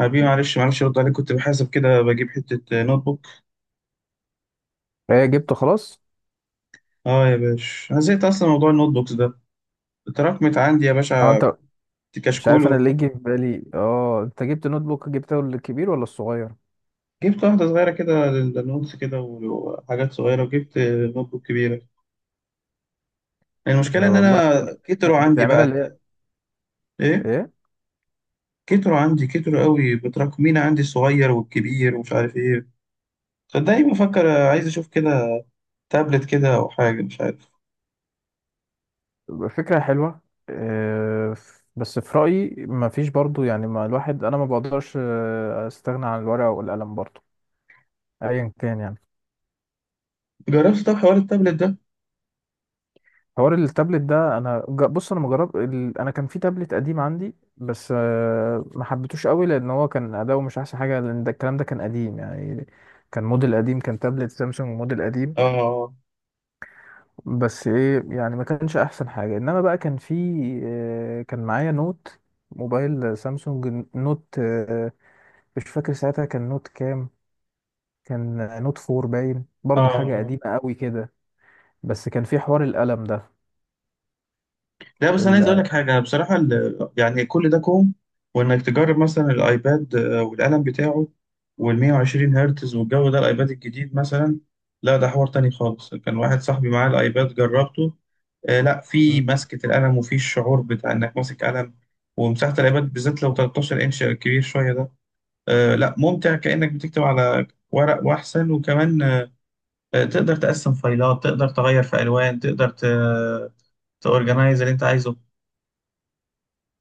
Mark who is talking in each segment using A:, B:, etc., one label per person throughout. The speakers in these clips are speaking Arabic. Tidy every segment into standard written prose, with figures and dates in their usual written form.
A: حبيبي، معلش معلش ارد عليك، كنت بحاسب كده بجيب حتة نوت بوك.
B: ايه جبته خلاص؟
A: اه يا باشا، انا زهقت اصلا من موضوع النوت بوكس ده. اتراكمت عندي يا
B: اه
A: باشا،
B: انت،
A: كنت
B: مش
A: كشكول
B: عارف انا اللي يجي في بالي. اه انت جبت نوت بوك، جبته الكبير ولا الصغير؟
A: جبت واحدة صغيرة كده للنوتس، كده وحاجات صغيرة، وجبت نوت بوك كبيرة. المشكلة ان
B: والله.
A: انا كتروا عندي
B: بتعملها
A: بقى.
B: اللي هي
A: ايه؟
B: ايه.
A: كتروا عندي، كتروا قوي، متراكمين عندي الصغير والكبير ومش عارف ايه. صدقني بفكر عايز اشوف كده تابلت كده، او حاجة مش عارف.
B: فكرة حلوة. آه، بس في رأيي ما فيش برضو، يعني ما الواحد انا ما بقدرش استغنى عن الورقة والقلم برضو، ايا كان يعني.
A: جربت طب حوار التابلت ده؟
B: حوار التابلت ده انا بص انا مجرب انا كان في تابلت قديم عندي، بس ما حبيتوش قوي لان هو كان اداؤه مش احسن حاجة، لان ده الكلام ده كان قديم يعني. كان موديل قديم، كان تابلت سامسونج موديل قديم.
A: اه
B: بس ايه يعني، ما كانش احسن حاجه، انما بقى كان في كان معايا نوت، موبايل سامسونج نوت. مش فاكر ساعتها كان نوت كام. كان نوت فور باين،
A: اه.
B: برضو حاجه
A: آه.
B: قديمه قوي كده. بس كان في حوار القلم ده.
A: لا بس انا عايز اقول
B: ال...
A: لك حاجه بصراحه، يعني كل ده كوم، وانك تجرب مثلا الايباد والقلم بتاعه، وال 120 هرتز والجو ده، الايباد الجديد مثلا. لا ده حوار تاني خالص، كان واحد صاحبي معاه الايباد جربته. لا، في
B: م.
A: مسكه القلم وفي الشعور بتاع انك ماسك قلم. ومساحه الايباد بالذات لو 13 انش كبير شويه ده. لا، ممتع كانك بتكتب على ورق واحسن، وكمان تقدر تقسم فايلات، تقدر تغير في الوان، تقدر تورجنايز اللي انت عايزه،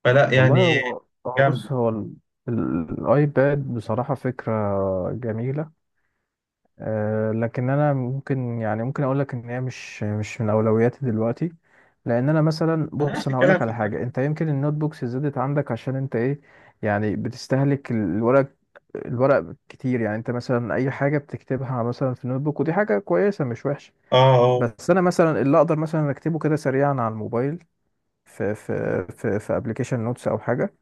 A: فلا
B: والله
A: يعني.
B: هو، هو
A: جامد.
B: بص هو الايباد بصراحه فكره جميله. لكن انا ممكن، يعني ممكن اقول لك ان هي مش من اولوياتي دلوقتي. لان انا مثلا،
A: ما انا عايز
B: بص انا هقول
A: الكلام
B: لك
A: في
B: على
A: الدقيق.
B: حاجه، انت يمكن النوت بوكس زادت عندك عشان انت ايه، يعني بتستهلك الورق، الورق كتير. يعني انت مثلا اي حاجه بتكتبها مثلا في النوت بوك، ودي حاجه كويسه مش وحشه،
A: اه اه.
B: بس انا مثلا اللي اقدر مثلا اكتبه كده سريعا على الموبايل، في ابلكيشن نوتس او حاجه،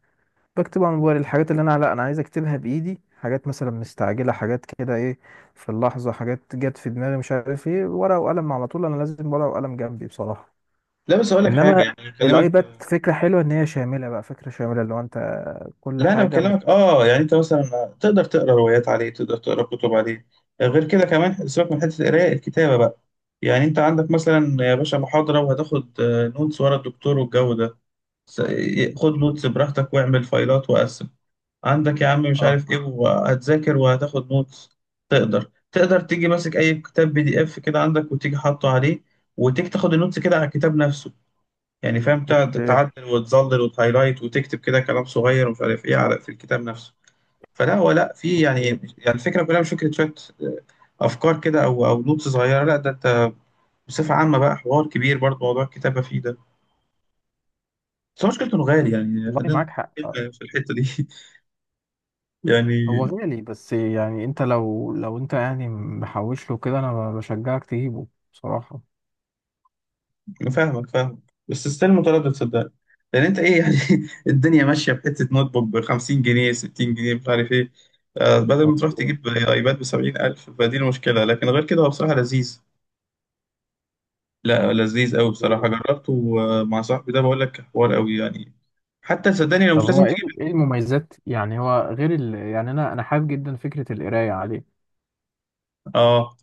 B: بكتب على موبايل الحاجات اللي انا، لا انا عايز اكتبها بايدي، حاجات مثلا مستعجله، حاجات كده ايه، في اللحظه حاجات جت في دماغي مش عارف ايه، ورقه وقلم على طول، انا لازم ورقه وقلم جنبي بصراحه.
A: لا بس اقول لك حاجه،
B: انما
A: يعني بكلمك.
B: الايباد فكره حلوه، ان هي شامله بقى، فكره شامله اللي هو انت كل
A: لا انا
B: حاجه
A: بكلمك اه، يعني انت مثلا تقدر تقرا روايات عليه، تقدر تقرا كتب عليه. غير كده كمان، سيبك من حته القرايه الكتابه بقى. يعني انت عندك مثلا يا باشا محاضره، وهتاخد نوتس ورا الدكتور والجو ده. س- خد نوتس براحتك، واعمل فايلات وقسم عندك يا عم مش
B: اه.
A: عارف ايه، وهتذاكر وهتاخد نوتس. تقدر تيجي ماسك اي كتاب بي دي اف كده عندك، وتيجي حاطه عليه، وتيجي تاخد النوتس كده على الكتاب نفسه. يعني فاهم، تقعد
B: اوكي.
A: تعدل وتظلل وتهايلايت وتكتب كده كلام صغير ومش عارف ايه على في الكتاب نفسه. فلا هو، لا في يعني.
B: أوكي.
A: يعني الفكره كلها مش فكره شويه افكار كده، او نوتس صغيره، لا ده انت بصفه عامه بقى حوار كبير برضه موضوع الكتابه فيه ده. بس هو مشكلته انه غالي، يعني
B: والله
A: خلينا
B: معاك حق.
A: متفقين في الحته دي. يعني.
B: هو غالي، بس يعني انت لو، لو انت يعني محوش له كده، انا بشجعك تجيبه بصراحه.
A: فاهمك فاهمك، بس ستيل متردد صدقني. لان انت ايه يعني، الدنيا ماشيه بحته نوت بوك ب 50 جنيه 60 جنيه مش عارف ايه. بدل ما تروح
B: اوكي.
A: تجيب ايباد ب 70,000، فدي المشكله، لكن غير كده هو بصراحه لذيذ. لا، لذيذ قوي بصراحه جربته مع صاحبي ده، بقول لك حوار قوي يعني. حتى صدقني لو
B: طب
A: مش لازم
B: هو ايه،
A: تجيب.
B: ايه المميزات، يعني هو غير يعني انا، انا حابب جدا فكره القرايه عليه،
A: اه،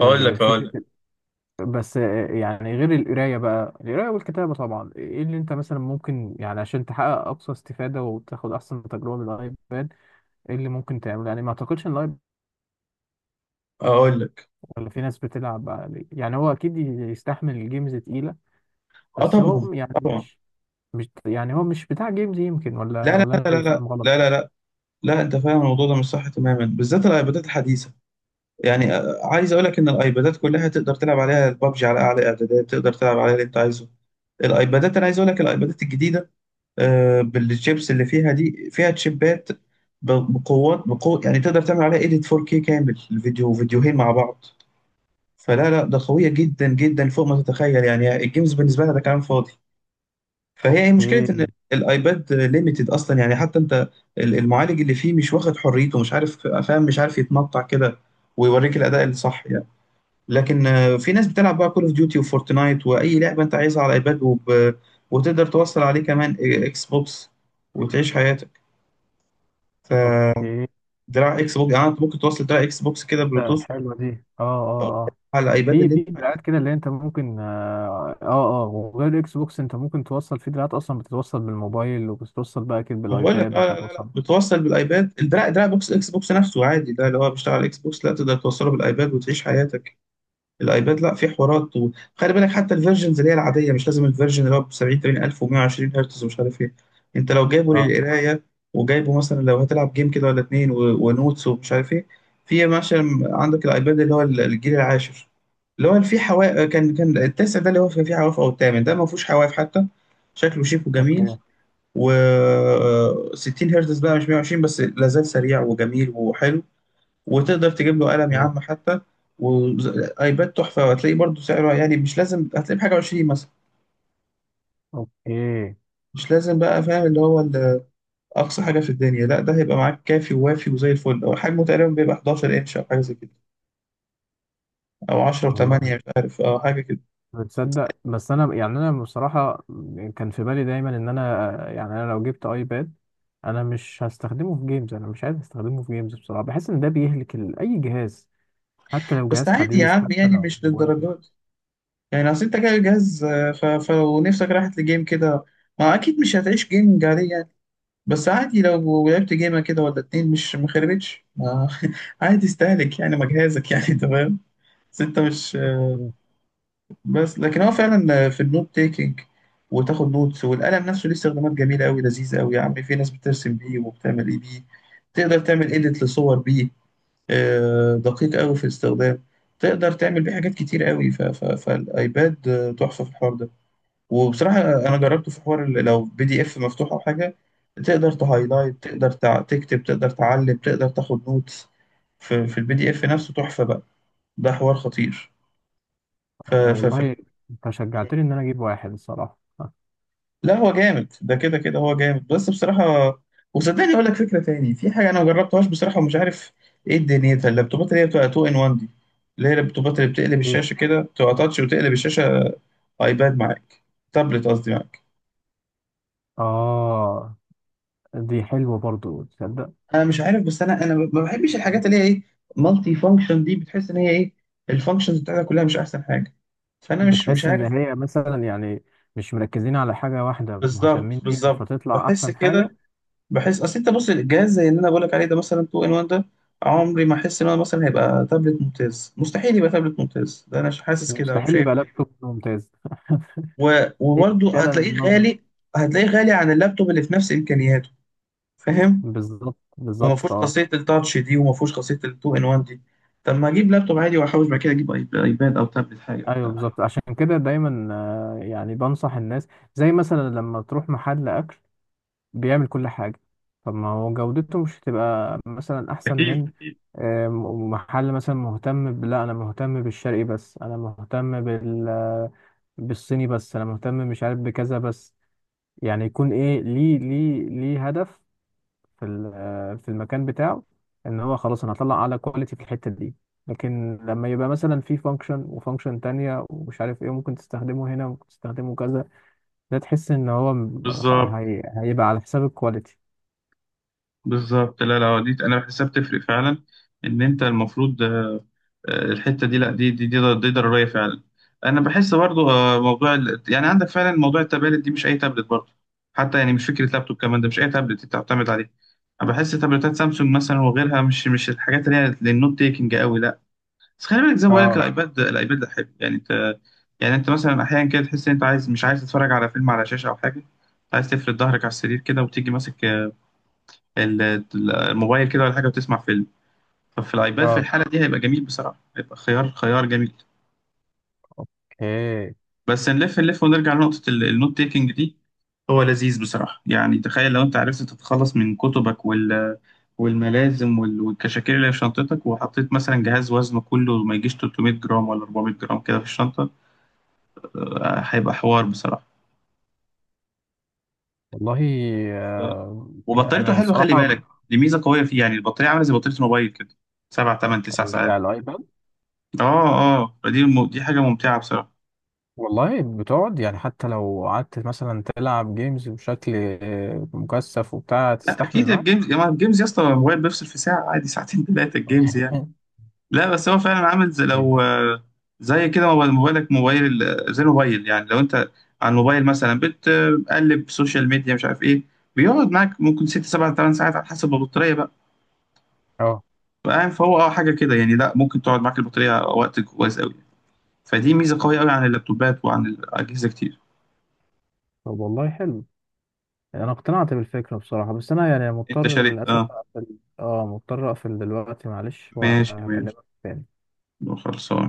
A: اقول لك اقول لك
B: الفكرة. بس يعني غير القرايه بقى، القرايه والكتابه طبعا، ايه اللي انت مثلا ممكن، يعني عشان تحقق اقصى استفاده وتاخد احسن تجربه من الايباد، ايه اللي ممكن تعمله يعني؟ ما اعتقدش ان الايباد،
A: اقول لك.
B: ولا في ناس بتلعب عليه؟ يعني هو اكيد يستحمل الجيمز تقيله،
A: اه،
B: بس
A: طبعا
B: هو يعني
A: طبعا،
B: مش، مش يعني هو مش بتاع جيمز يمكن، ولا
A: لا لا
B: ولا
A: لا
B: انا
A: لا
B: اللي
A: لا
B: فاهم غلط.
A: لا لا لا. لا، انت فاهم الموضوع ده مش صح تماما، بالذات الايبادات الحديثه. يعني عايز اقول لك ان الايبادات كلها تقدر تلعب عليها البابجي على اعلى اعدادات، تقدر تلعب عليها اللي انت عايزه. الايبادات، انا عايز اقول لك الايبادات الجديده، بالشيبس اللي فيها دي، فيها تشيبات بقوات بقوة يعني، تقدر تعمل عليها ايديت 4K كامل الفيديو فيديوهين مع بعض. فلا لا، ده قويه جدا جدا فوق ما تتخيل، يعني الجيمز بالنسبه لها ده كلام فاضي. فهي مشكله
B: اوكي.
A: ان الايباد ليميتد اصلا يعني، حتى انت المعالج اللي فيه مش واخد حريته، مش عارف فاهم، مش عارف يتنطع كده، ويوريك الاداء الصح يعني. لكن في ناس بتلعب بقى كول اوف ديوتي وفورتنايت، واي لعبه انت عايزها على الايباد وتقدر توصل عليه كمان اكس بوكس، وتعيش حياتك.
B: اوكي.
A: فدراع اكس بوكس، يعني انت ممكن توصل دراع اكس بوكس كده بلوتوث
B: حلوه دي. اه. اه.
A: على الايباد
B: في،
A: اللي
B: في
A: انت
B: دراعات
A: عايزه.
B: كده اللي انت ممكن، اه اه. وغير الاكس بوكس انت ممكن توصل، في دراعات اصلا بتتوصل بالموبايل وبتتوصل بقى كده
A: ما بقول لك
B: بالايباد
A: اه، لا لا لا،
B: وبتتوصل.
A: بتوصل بالايباد الدراع دراع بوكس الاكس بوكس نفسه عادي، ده اللي هو بيشتغل على الاكس بوكس، لا تقدر توصله بالايباد وتعيش حياتك. الايباد، لا في حوارات، وخلي بالك حتى الفيرجنز اللي هي العاديه، مش لازم الفيرجن اللي هو ب 70 80 الف و120 هرتز ومش عارف ايه. انت لو جايبه
B: اه.
A: للقرايه، وجايبه مثلا لو هتلعب جيم كده ولا اتنين ونوتس ومش عارف ايه، في مثلا عندك الايباد اللي هو الجيل العاشر، اللي هو في حواف، كان التاسع ده اللي هو كان فيه حواف، او الثامن ده ما فيهوش حواف حتى، شكله شيك وجميل،
B: اوكي.
A: و 60 هرتز بقى مش 120، بس لا زال سريع وجميل وحلو، وتقدر تجيب له قلم يا
B: اوكي.
A: عم حتى. وايباد تحفه، وهتلاقيه برضو سعره يعني مش لازم، هتلاقيه بحاجه 20 مثلا،
B: اوكي.
A: مش لازم بقى، فاهم اللي هو اقصى حاجه في الدنيا، لا ده هيبقى معاك كافي ووافي وزي الفل، هو حجمه تقريبا بيبقى 11 انش او حاجه زي كده، او 10 و8
B: والله
A: مش عارف او حاجه كده.
B: بتصدق، بس انا يعني انا بصراحة كان في بالي دايما ان انا يعني انا لو جبت ايباد، انا مش هستخدمه في جيمز، انا مش عايز استخدمه في جيمز بصراحة. بحس ان ده بيهلك اي جهاز، حتى لو
A: بس
B: جهاز
A: عادي يا
B: حديث،
A: عم
B: حتى
A: يعني
B: لو
A: مش
B: موبايل.
A: للدرجات دي. يعني اصل انت جايب جهاز، فلو نفسك راحت لجيم كده، ما اكيد مش هتعيش جيمنج عليه يعني. بس عادي لو لعبت جيمة كده ولا اتنين، مش ما خربتش عادي استهلك يعني ما جهازك يعني، تمام. بس انت مش.
B: مم.
A: بس لكن هو فعلا في النوت تيكينج، وتاخد نوتس، والقلم نفسه ليه استخدامات جميلة أوي، لذيذة أوي يا عم، في ناس بترسم بيه وبتعمل إيه بيه. تقدر تعمل إيديت لصور بيه، دقيق أوي في الاستخدام. تقدر تعمل بيه حاجات كتير أوي، فالأيباد تحفة في الحوار ده. وبصراحة أنا جربته في حوار لو بي دي إف مفتوح أو حاجة، تقدر تهايلايت، تقدر تكتب، تقدر تعلم، تقدر تاخد نوتس في, في البي دي إف نفسه، تحفة بقى. ده حوار خطير. ف... ف...
B: والله
A: ف...
B: انت شجعتني ان انا اجيب واحد الصراحة.
A: لا هو جامد، ده كده كده هو جامد بس بصراحة. وصدقني أقول لك فكرة تاني، في حاجة أنا ما جربتهاش بصراحة ومش عارف إيه دنيتها، اللابتوبات اللي هي بتبقى 2 إن 1 دي، اللي هي اللابتوبات اللي بتقلب
B: إيه؟
A: الشاشة كده، تبقى تاتش وتقلب الشاشة. أيباد معاك، تابلت قصدي معاك.
B: آه، دي حلوة برضو تصدق.
A: انا مش عارف، بس انا ما بحبش
B: مم.
A: الحاجات اللي هي ايه، مالتي فانكشن دي، بتحس ان هي ايه، الفانكشنز بتاعتها كلها مش احسن حاجه، فانا مش
B: بتحس إن
A: عارف.
B: هي مثلا يعني مش مركزين على حاجة واحدة مهتمين
A: بالظبط
B: بيها
A: بالظبط،
B: فتطلع
A: بحس
B: أحسن حاجة،
A: كده. بحس اصل انت بص الجهاز زي اللي انا بقول لك عليه ده مثلا 2 ان 1 ده، عمري ما احس ان هو مثلا هيبقى تابلت ممتاز، مستحيل يبقى تابلت ممتاز ده، انا مش حاسس كده
B: مستحيل
A: وشايف
B: يبقى
A: كده.
B: لابتوب ممتاز. هي دي
A: وبرضه
B: فعلا
A: هتلاقيه
B: النظرة.
A: غالي، هتلاقيه غالي عن اللابتوب اللي في نفس امكانياته، فاهم.
B: بالظبط
A: وما
B: بالظبط
A: فيهوش
B: اه.
A: خاصيه التاتش دي، وما فيهوش خاصيه التو ان وان دي. طب ما اجيب لابتوب عادي واحوش، بعد كده اجيب ايباد او تابلت حاجه
B: أيوه
A: وبتاع.
B: بالظبط، عشان كده دايما يعني بنصح الناس، زي مثلا لما تروح محل أكل بيعمل كل حاجة، طب ما هو جودته مش هتبقى مثلا أحسن
A: أكيد
B: من
A: أكيد.
B: محل مثلا مهتم لا أنا مهتم بالشرقي بس، أنا مهتم بالصيني بس، أنا مهتم مش عارف بكذا بس. يعني يكون إيه، ليه هدف في في المكان بتاعه، إن هو خلاص أنا هطلع أعلى كواليتي في الحتة دي. لكن لما يبقى مثلا في فانكشن وفانكشن تانية ومش عارف ايه، ممكن تستخدمه هنا وممكن تستخدمه كذا، ده تحس ان هو
A: بالظبط
B: هيبقى على حساب الكواليتي.
A: بالظبط، لا لا، دي أنا بحسها بتفرق فعلا. إن أنت المفروض، الحتة دي، لا دي ضرورية فعلا. أنا بحس برضو موضوع يعني عندك فعلا موضوع التابلت دي، مش أي تابلت برضو، حتى يعني مش فكرة لابتوب كمان، ده مش أي تابلت أنت بتعتمد عليه. أنا بحس تابلتات سامسونج مثلا وغيرها مش الحاجات اللي هي للنوت تيكنج قوي، لا. بس خلي بالك زي ما بقول لك
B: اه.
A: الايباد ده حلو يعني انت، يعني انت مثلا احيانا كده تحس ان انت عايز، مش عايز تتفرج على فيلم على شاشه او حاجه، عايز تفرد ظهرك على السرير كده وتيجي ماسك الموبايل كده ولا حاجه وتسمع فيلم. ففي الايباد في
B: اه.
A: الحاله دي هيبقى جميل بصراحه، هيبقى خيار خيار جميل.
B: اوكي.
A: بس نلف نلف ونرجع لنقطه النوت تيكنج دي. هو لذيذ بصراحه، يعني تخيل لو انت عرفت تتخلص من كتبك والملازم والكشاكيل اللي في شنطتك، وحطيت مثلا جهاز وزنه كله ما يجيش 300 جرام ولا 400 جرام كده في الشنطه، هيبقى حوار بصراحة.
B: والله
A: ف- وبطاريته
B: انا
A: حلوة خلي
B: الصراحه.
A: بالك، دي ميزة قوية فيه يعني، البطارية عاملة زي بطارية الموبايل كده، سبع تمن تسع
B: بتاع
A: ساعات.
B: الايباد.
A: اه اه، فدي دي حاجة ممتعة بصراحة.
B: والله بتقعد، يعني حتى لو قعدت مثلا تلعب جيمز بشكل مكثف وبتاع،
A: لا
B: تستحمل
A: أكيد،
B: معاك.
A: الجيمز يا جماعة، الجيمز يا اسطى، الموبايل بيفصل في ساعة عادي، ساعتين ثلاثة، الجيمز يعني. لا بس هو فعلا عامل زي لو، زي كده، موبايلك موبايل زي الموبايل يعني، لو أنت على الموبايل مثلا بتقلب سوشيال ميديا مش عارف إيه، بيقعد معاك ممكن ست سبع ثمان ساعات على حسب البطارية بقى.
B: اه.
A: فاهم، فهو اه حاجة كده يعني، لا ممكن تقعد معاك البطارية وقت كويس قوي. فدي ميزه قويه قوي عن اللابتوبات وعن الاجهزه كتير.
B: طب والله حلو، انا اقتنعت بالفكره بصراحه، بس انا يعني
A: انت
B: مضطر
A: شاريت
B: للاسف
A: اه.
B: اقفل. اه مضطر اقفل دلوقتي معلش،
A: ماشي ماشي.
B: وهكلمك تاني.
A: خلصان.